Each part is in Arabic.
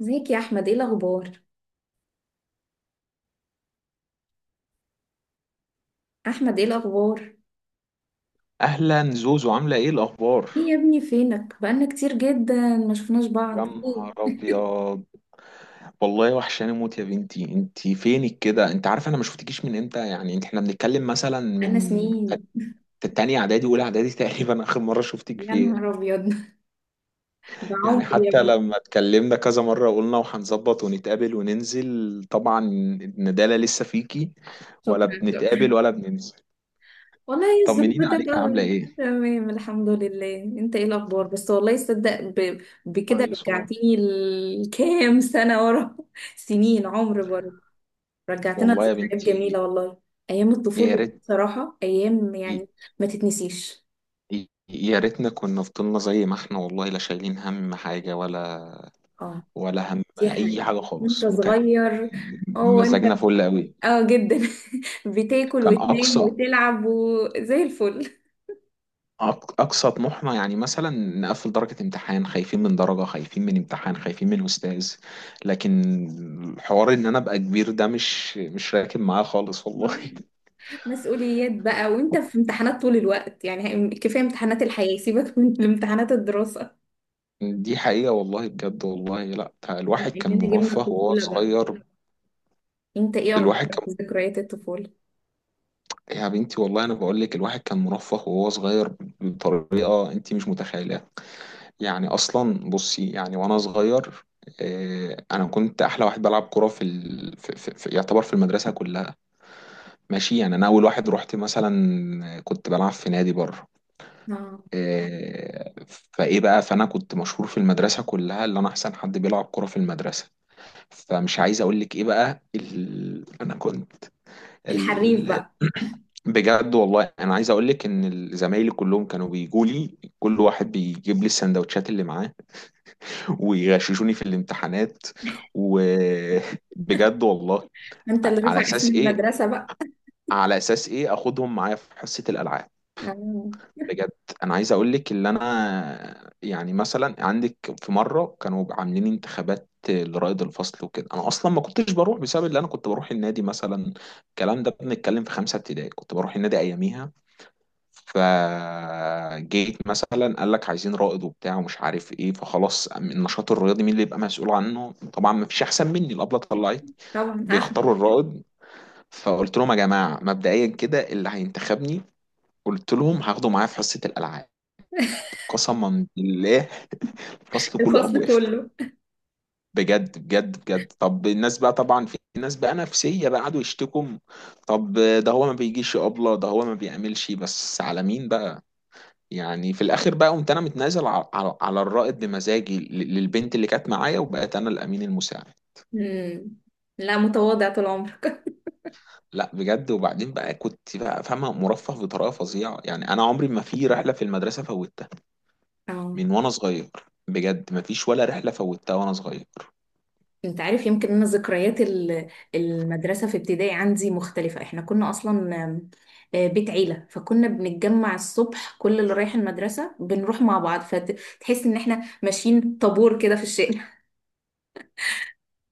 ازيك يا احمد، ايه الاخبار؟ احمد، ايه الاخبار؟ اهلا زوزو، عامله ايه الاخبار؟ ايه يا ابني، فينك؟ بقالنا كتير جدا ما شفناش يا بعض، ايه؟ نهار ابيض. والله وحشاني موت يا بنتي، انت فينك كده؟ انت عارفه انا ما شفتكيش من امتى؟ يعني احنا بنتكلم مثلا بقالنا من سنين. تانية اعدادي اولى اعدادي تقريبا اخر مره شفتك يا فيها. نهار ابيض. ده يعني عمري يا حتى ابني. لما اتكلمنا كذا مره قلنا وهنظبط ونتقابل وننزل، طبعا الندالة لسه فيكي، ولا شكرا، بنتقابل شكرا. ولا بننزل. والله هي الظروف طمنينا عليك، بتبقى. عامله ايه؟ تمام الحمد لله. انت ايه الاخبار؟ بس والله صدق، بكده كويس والله. رجعتيني لكام سنه ورا. سنين عمر برضه. رجعتنا والله يا لذكريات بنتي. جميله والله. ايام يا الطفوله دي ريت. بصراحه ايام يعني. ما تتنسيش. يا ريتنا كنا فضلنا زي ما احنا، والله لا شايلين هم حاجة ولا اه، ولا هم دي أي حقيقة. حاجة وانت خالص، وكان صغير. اه، انت. مزاجنا فل قوي. اه جدا. بتاكل كان وتنام وتلعب وزي الفل. أقصى طموحنا يعني مثلا نقفل درجة امتحان، خايفين من درجة، خايفين من امتحان، خايفين من أستاذ. لكن الحوار إن أنا أبقى كبير ده مش راكب معاه خالص والله. آه. مسؤوليات بقى، وانت في امتحانات طول الوقت، يعني كفاية امتحانات الحياة، سيبك من امتحانات الدراسة. دي حقيقة والله، بجد والله، لا بما الواحد كان اننا جبنا مرفه وهو الطفولة بقى، صغير. انت ايه الواحد اخبارك في ذكريات الطفولة؟ يا بنتي والله انا بقول لك، الواحد كان مرفه وهو صغير بطريقه انت مش متخيلها. يعني اصلا بصي، يعني وانا صغير، انا كنت احلى واحد بلعب كوره في يعتبر في المدرسه كلها. ماشي يعني انا اول واحد رحت مثلا كنت بلعب في نادي بره. اه، فايه بقى، فانا كنت مشهور في المدرسه كلها، اللي انا احسن حد بيلعب كوره في المدرسه. فمش عايز اقول لك ايه بقى، انا كنت الحريف ال... بقى. بجد والله انا عايز اقول لك ان زمايلي كلهم كانوا بيجوا لي، كل واحد بيجيب لي السندوتشات اللي معاه، ويغششوني في الامتحانات. وبجد والله. انت اللي على رفع اسم اساس ايه؟ المدرسة بقى. على اساس ايه؟ اخدهم معايا في حصة الالعاب. اه بجد. انا عايز اقول لك اللي انا يعني مثلا عندك، في مرة كانوا عاملين انتخابات لرائد الفصل وكده، انا اصلا ما كنتش بروح بسبب اللي انا كنت بروح النادي مثلا. الكلام ده بنتكلم في 5 ابتدائي، كنت بروح النادي اياميها. فجيت مثلا قال لك عايزين رائد وبتاع ومش عارف ايه، فخلاص النشاط الرياضي مين اللي يبقى مسؤول عنه؟ طبعا ما فيش احسن مني. الابله طلعت طبعا احمد. بيختاروا الرائد، فقلت لهم يا جماعه مبدئيا كده اللي هينتخبني قلت لهم هاخده معايا في حصه الالعاب. قسما بالله الفصل كله قام الفصل وقف. كله. بجد بجد بجد. طب الناس بقى، طبعا في ناس بقى نفسيه بقى قعدوا يشتكوا. طب ده هو ما بيجيش يا ابله، ده هو ما بيعملش، بس على مين بقى؟ يعني في الاخر بقى قمت انا متنازل على الرائد بمزاجي للبنت اللي كانت معايا، وبقيت انا الامين المساعد. مم. لا، متواضع طول عمرك. لا بجد. وبعدين بقى كنت بقى فاهمه، مرفه بطريقه فظيعه، يعني انا عمري ما في رحله في المدرسه فوتها اه، من وانا صغير. بجد ما فيش ولا رحله فوتها وانا صغير. انت عارف، يمكن انا ذكريات المدرسه في ابتدائي عندي مختلفه. احنا كنا اصلا آم، آه، بيت عيله، فكنا بنتجمع الصبح، كل اللي رايح المدرسه بنروح مع بعض، فتحس ان احنا ماشيين طابور كده في الشارع.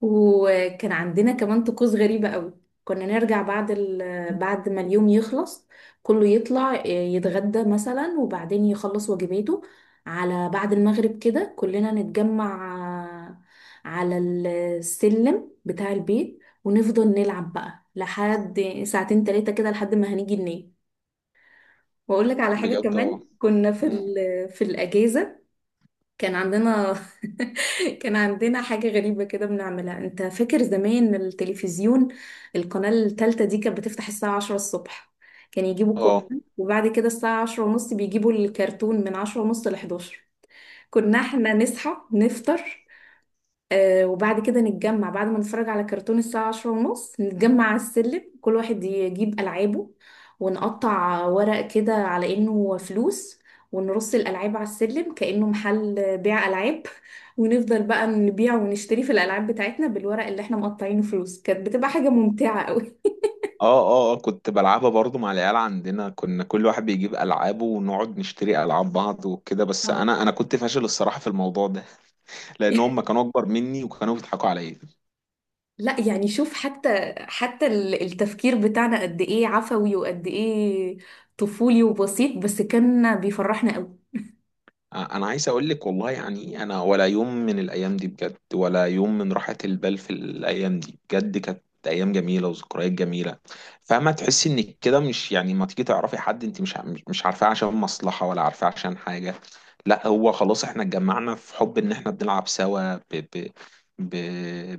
وكان عندنا كمان طقوس غريبة قوي. كنا نرجع بعد ما اليوم يخلص، كله يطلع يتغدى مثلا، وبعدين يخلص واجباته. على بعد المغرب كده كلنا نتجمع على السلم بتاع البيت، ونفضل نلعب بقى لحد ساعتين تلاتة كده، لحد ما هنيجي ننام. واقول لك على حاجة بجد. اه. كمان كنا مم. في الأجازة. كان عندنا كان عندنا حاجة غريبة كده بنعملها. انت فاكر زمان التلفزيون؟ القناة التالتة دي كانت بتفتح الساعة 10 الصبح. كان يجيبوا اه قرآن، وبعد كده الساعة 10:30 بيجيبوا الكرتون، من 10:30 11. كنا احنا نصحى نفطر، وبعد كده نتجمع بعد ما نتفرج على كرتون الساعة 10:30. نتجمع على السلم، كل واحد يجيب ألعابه، ونقطع ورق كده على إنه فلوس، ونرص الألعاب على السلم كأنه محل بيع ألعاب. ونفضل بقى نبيع ونشتري في الألعاب بتاعتنا بالورق اللي احنا مقطعينه فلوس. كانت بتبقى حاجة ممتعة قوي. اه اه. كنت بلعبها برضو مع العيال عندنا، كنا كل واحد بيجيب العابه ونقعد نشتري العاب بعض وكده، بس اه. انا كنت فاشل الصراحه في الموضوع ده لان هم كانوا اكبر مني وكانوا بيضحكوا عليا. لا يعني شوف، حتى التفكير بتاعنا قد ايه عفوي وقد ايه طفولي وبسيط، بس كان بيفرحنا قوي. انا عايز اقول لك والله، يعني انا ولا يوم من الايام دي بجد، ولا يوم من راحة البال في الايام دي بجد، كانت ايام جميله وذكريات جميله. فما تحسي انك كده مش يعني ما تيجي تعرفي حد انت مش عارفاه عشان مصلحه، ولا عارفاه عشان حاجه. لا، هو خلاص احنا اتجمعنا في حب ان احنا بنلعب سوا، ب ب ب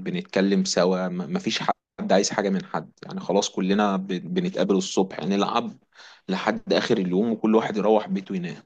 بنتكلم سوا، ما فيش حد عايز حاجه من حد، يعني خلاص كلنا بنتقابل الصبح يعني نلعب لحد اخر اليوم وكل واحد يروح بيته ينام.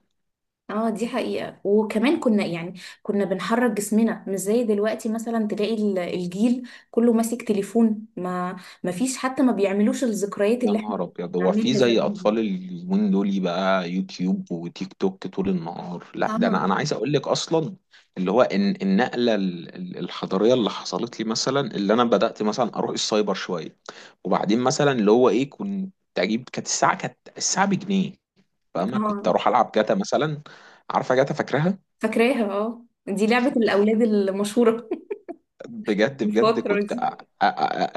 اه دي حقيقة. وكمان كنا يعني، كنا بنحرك جسمنا مش زي دلوقتي، مثلا تلاقي الجيل كله ماسك تليفون. ما فيش حتى، ما بيعملوش الذكريات يا اللي احنا كنا نهار ابيض، هو في بنعملها زي زمان. اطفال اليومين دول بقى، يوتيوب وتيك توك طول النهار؟ لا ده انا اه، انا عايز اقول لك اصلا اللي هو ان النقله الحضاريه اللي حصلت لي مثلا اللي انا بدات مثلا اروح السايبر شويه، وبعدين مثلا اللي هو ايه، كنت اجيب، كانت الساعه بجنيه. فاهمه؟ كنت اه. اروح العب جاتا مثلا. عارفه جاتا؟ فاكرها؟ فاكراها. اه، دي لعبة الأولاد المشهورة. بجد في بجد، الفترة كنت دي.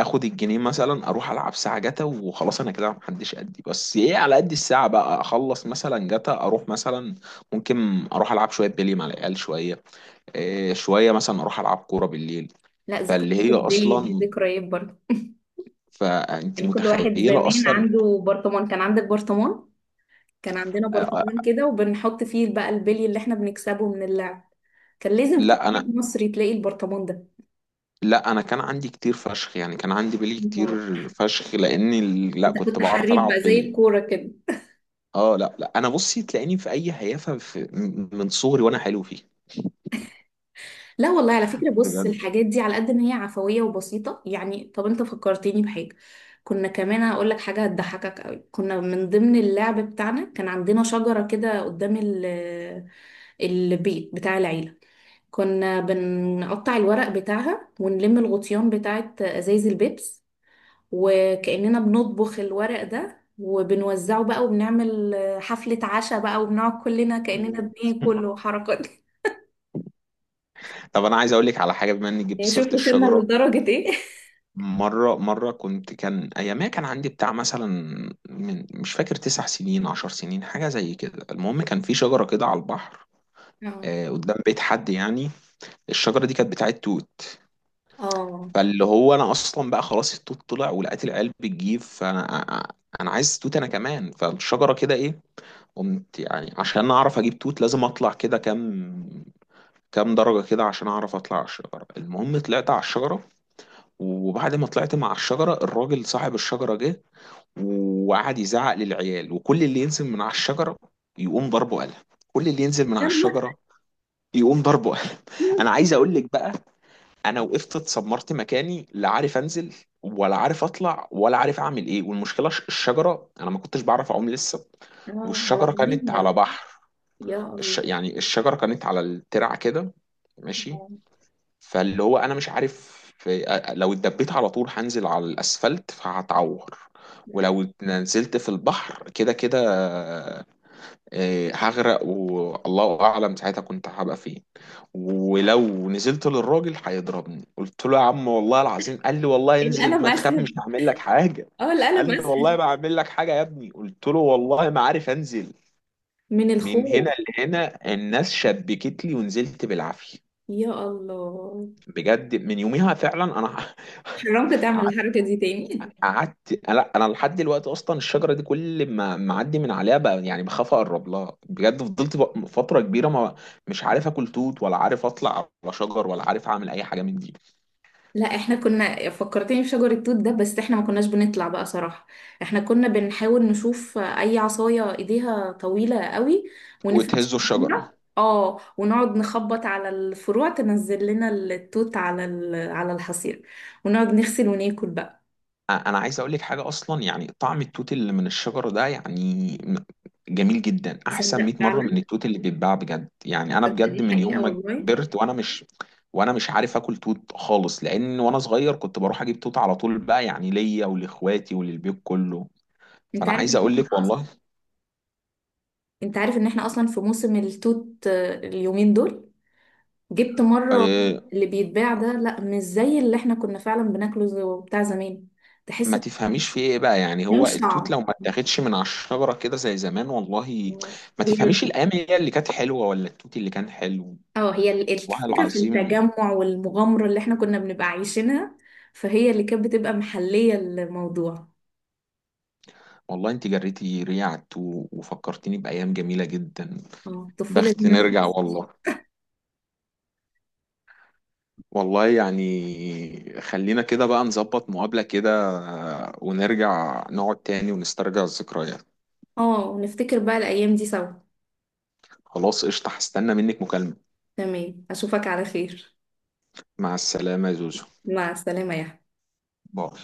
اخد الجنيه مثلا اروح العب ساعه جتا وخلاص، انا كده محدش قدي، بس ايه، على قد الساعه بقى اخلص مثلا جتا، اروح مثلا ممكن اروح العب شويه بلي مع العيال، شويه إيه، شويه مثلا اروح العب كوره بالليل. لا، فاللي ذكريات هي البلي دي اصلا، ذكريات برضه. فانت يعني كل واحد متخيله زمان اصلا. عنده برطمان. كان عندك برطمان؟ كان عندنا أ- برطمان أ- كده، وبنحط فيه بقى البلي اللي احنا بنكسبه من اللعب. كان لازم كل لا بيت انا مصري تلاقي البرطمان ده. لا انا كان عندي كتير فشخ، يعني كان عندي بلي كتير نهار. فشخ لاني لا انت كنت كنت بعرف حريف العب بقى زي بلي. الكوره كده. اه لا لا، انا بصي تلاقيني في اي هيافه من صغري وانا حلو فيه. لا والله، على فكره بص، بجد. الحاجات دي على قد ما هي عفويه وبسيطه، يعني طب انت فكرتني بحاجه. كنا كمان هقول لك حاجه هتضحكك قوي. كنا من ضمن اللعب بتاعنا كان عندنا شجره كده قدام البيت بتاع العيله. كنا بنقطع الورق بتاعها، ونلم الغطيان بتاعت ازايز البيبس، وكأننا بنطبخ الورق ده وبنوزعه بقى، وبنعمل حفلة عشاء بقى، وبنقعد كلنا كأننا مم. بناكل وحركات. طب انا عايز اقول لك على حاجه، بما اني جبت يعني سيره شوف وصلنا الشجره. لدرجة ايه. مره كان ايامها كان عندي بتاع مثلا، من مش فاكر 9 سنين 10 سنين، حاجه زي كده، المهم كان في شجره كده على البحر، اه. قدام بيت حد يعني. الشجره دي كانت بتاعت توت. اه، فاللي هو انا اصلا بقى خلاص التوت طلع، ولقيت العيال بتجيب، فانا عايز توت انا كمان، فالشجره كده ايه، قمت يعني عشان اعرف اجيب توت لازم اطلع كده، كام درجة كده عشان اعرف اطلع على الشجرة. المهم طلعت على الشجرة، وبعد ما طلعت مع الشجرة الراجل صاحب الشجرة جه، وقعد يزعق للعيال، وكل اللي ينزل من على الشجرة يقوم ضربه قلم، كل اللي ينزل من على يا نهار الشجرة يقوم ضربه قلم. أبيض. انا عايز اقول لك بقى، انا وقفت اتسمرت مكاني، لا عارف انزل ولا عارف اطلع ولا عارف اعمل ايه، والمشكلة الشجرة، انا ما كنتش بعرف اعوم لسه، اه، على والشجرة كانت مية. على بحر. يا الله. يعني الشجرة كانت على الترع كده، ماشي. آه. فاللي هو انا مش عارف، لو اتدبيت على طول هنزل على الاسفلت فهتعور، مم. ولو نزلت في البحر كده كده هغرق والله اعلم ساعتها كنت هبقى فين، ولو نزلت للراجل هيضربني. قلت له يا عم والله العظيم، قال لي والله انزل القلم ما تخاف اسهل. مش هعمل لك حاجة، اه، قال القلم لي والله اسهل. ما هعمل لك حاجة يا ابني، قلت له والله ما عارف انزل. من من الخوف. هنا لهنا الناس شبكت لي ونزلت بالعافيه. يا الله. بجد من يوميها فعلا انا حرمت تعمل قعدت الحركة دي تاني؟ لا انا لحد دلوقتي اصلا الشجره دي كل ما اعدي من عليها بقى يعني بخاف اقرب لها، بجد فضلت فتره كبيره ما مش عارف اكل توت ولا عارف اطلع على شجر ولا عارف اعمل اي حاجه من دي. لا، احنا كنا فكرتني بشجر التوت ده، بس احنا ما كناش بنطلع بقى صراحة. احنا كنا بنحاول نشوف اي عصاية ايديها طويلة قوي، ونفرش وتهزوا الشجره. فيها. اه، ونقعد نخبط على الفروع تنزل لنا التوت على الحصير، ونقعد نغسل وناكل بقى. انا عايز اقول لك حاجه اصلا، يعني طعم التوت اللي من الشجره ده، يعني جميل جدا، احسن تصدق 100 مره من فعلا، التوت اللي بيتباع، بجد. يعني انا تصدق بجد دي من حقيقة يوم ما والله. كبرت وانا مش عارف اكل توت خالص، لان وانا صغير كنت بروح اجيب توت على طول بقى، يعني ليا ولاخواتي وللبيت كله. انت فانا عارف عايز ان اقول احنا لك اصلا والله، انت عارف ان احنا اصلا في موسم التوت، اليومين دول. جبت مرة. آه، اللي بيتباع ده لا، مش زي اللي احنا كنا فعلا بناكله، بتاع زمان. ما تحس تفهميش في ايه بقى، يعني هو ملوش التوت طعم. لو ما اتاخدش من على الشجره كده زي زمان والله ما هي ال- تفهميش الايام هي اللي كانت حلوه ولا التوت اللي كان حلو. اه هي ال- والله الفكرة في العظيم. التجمع والمغامرة اللي احنا كنا بنبقى عايشينها، فهي اللي كانت بتبقى محلية الموضوع. والله انت جريتي ريعة عدت و- وفكرتيني بأيام جميلة جدا. اه، الطفولة دي بخت ما نرجع تت- والله. والله يعني خلينا كده بقى نظبط مقابلة كده، ونرجع نقعد تاني ونسترجع الذكريات. اه، ونفتكر بقى الأيام دي سوا. خلاص قشطة، هستنى منك مكالمة. تمام، أشوفك على خير. مع السلامة يا زوزو. مع السلامة يا باي.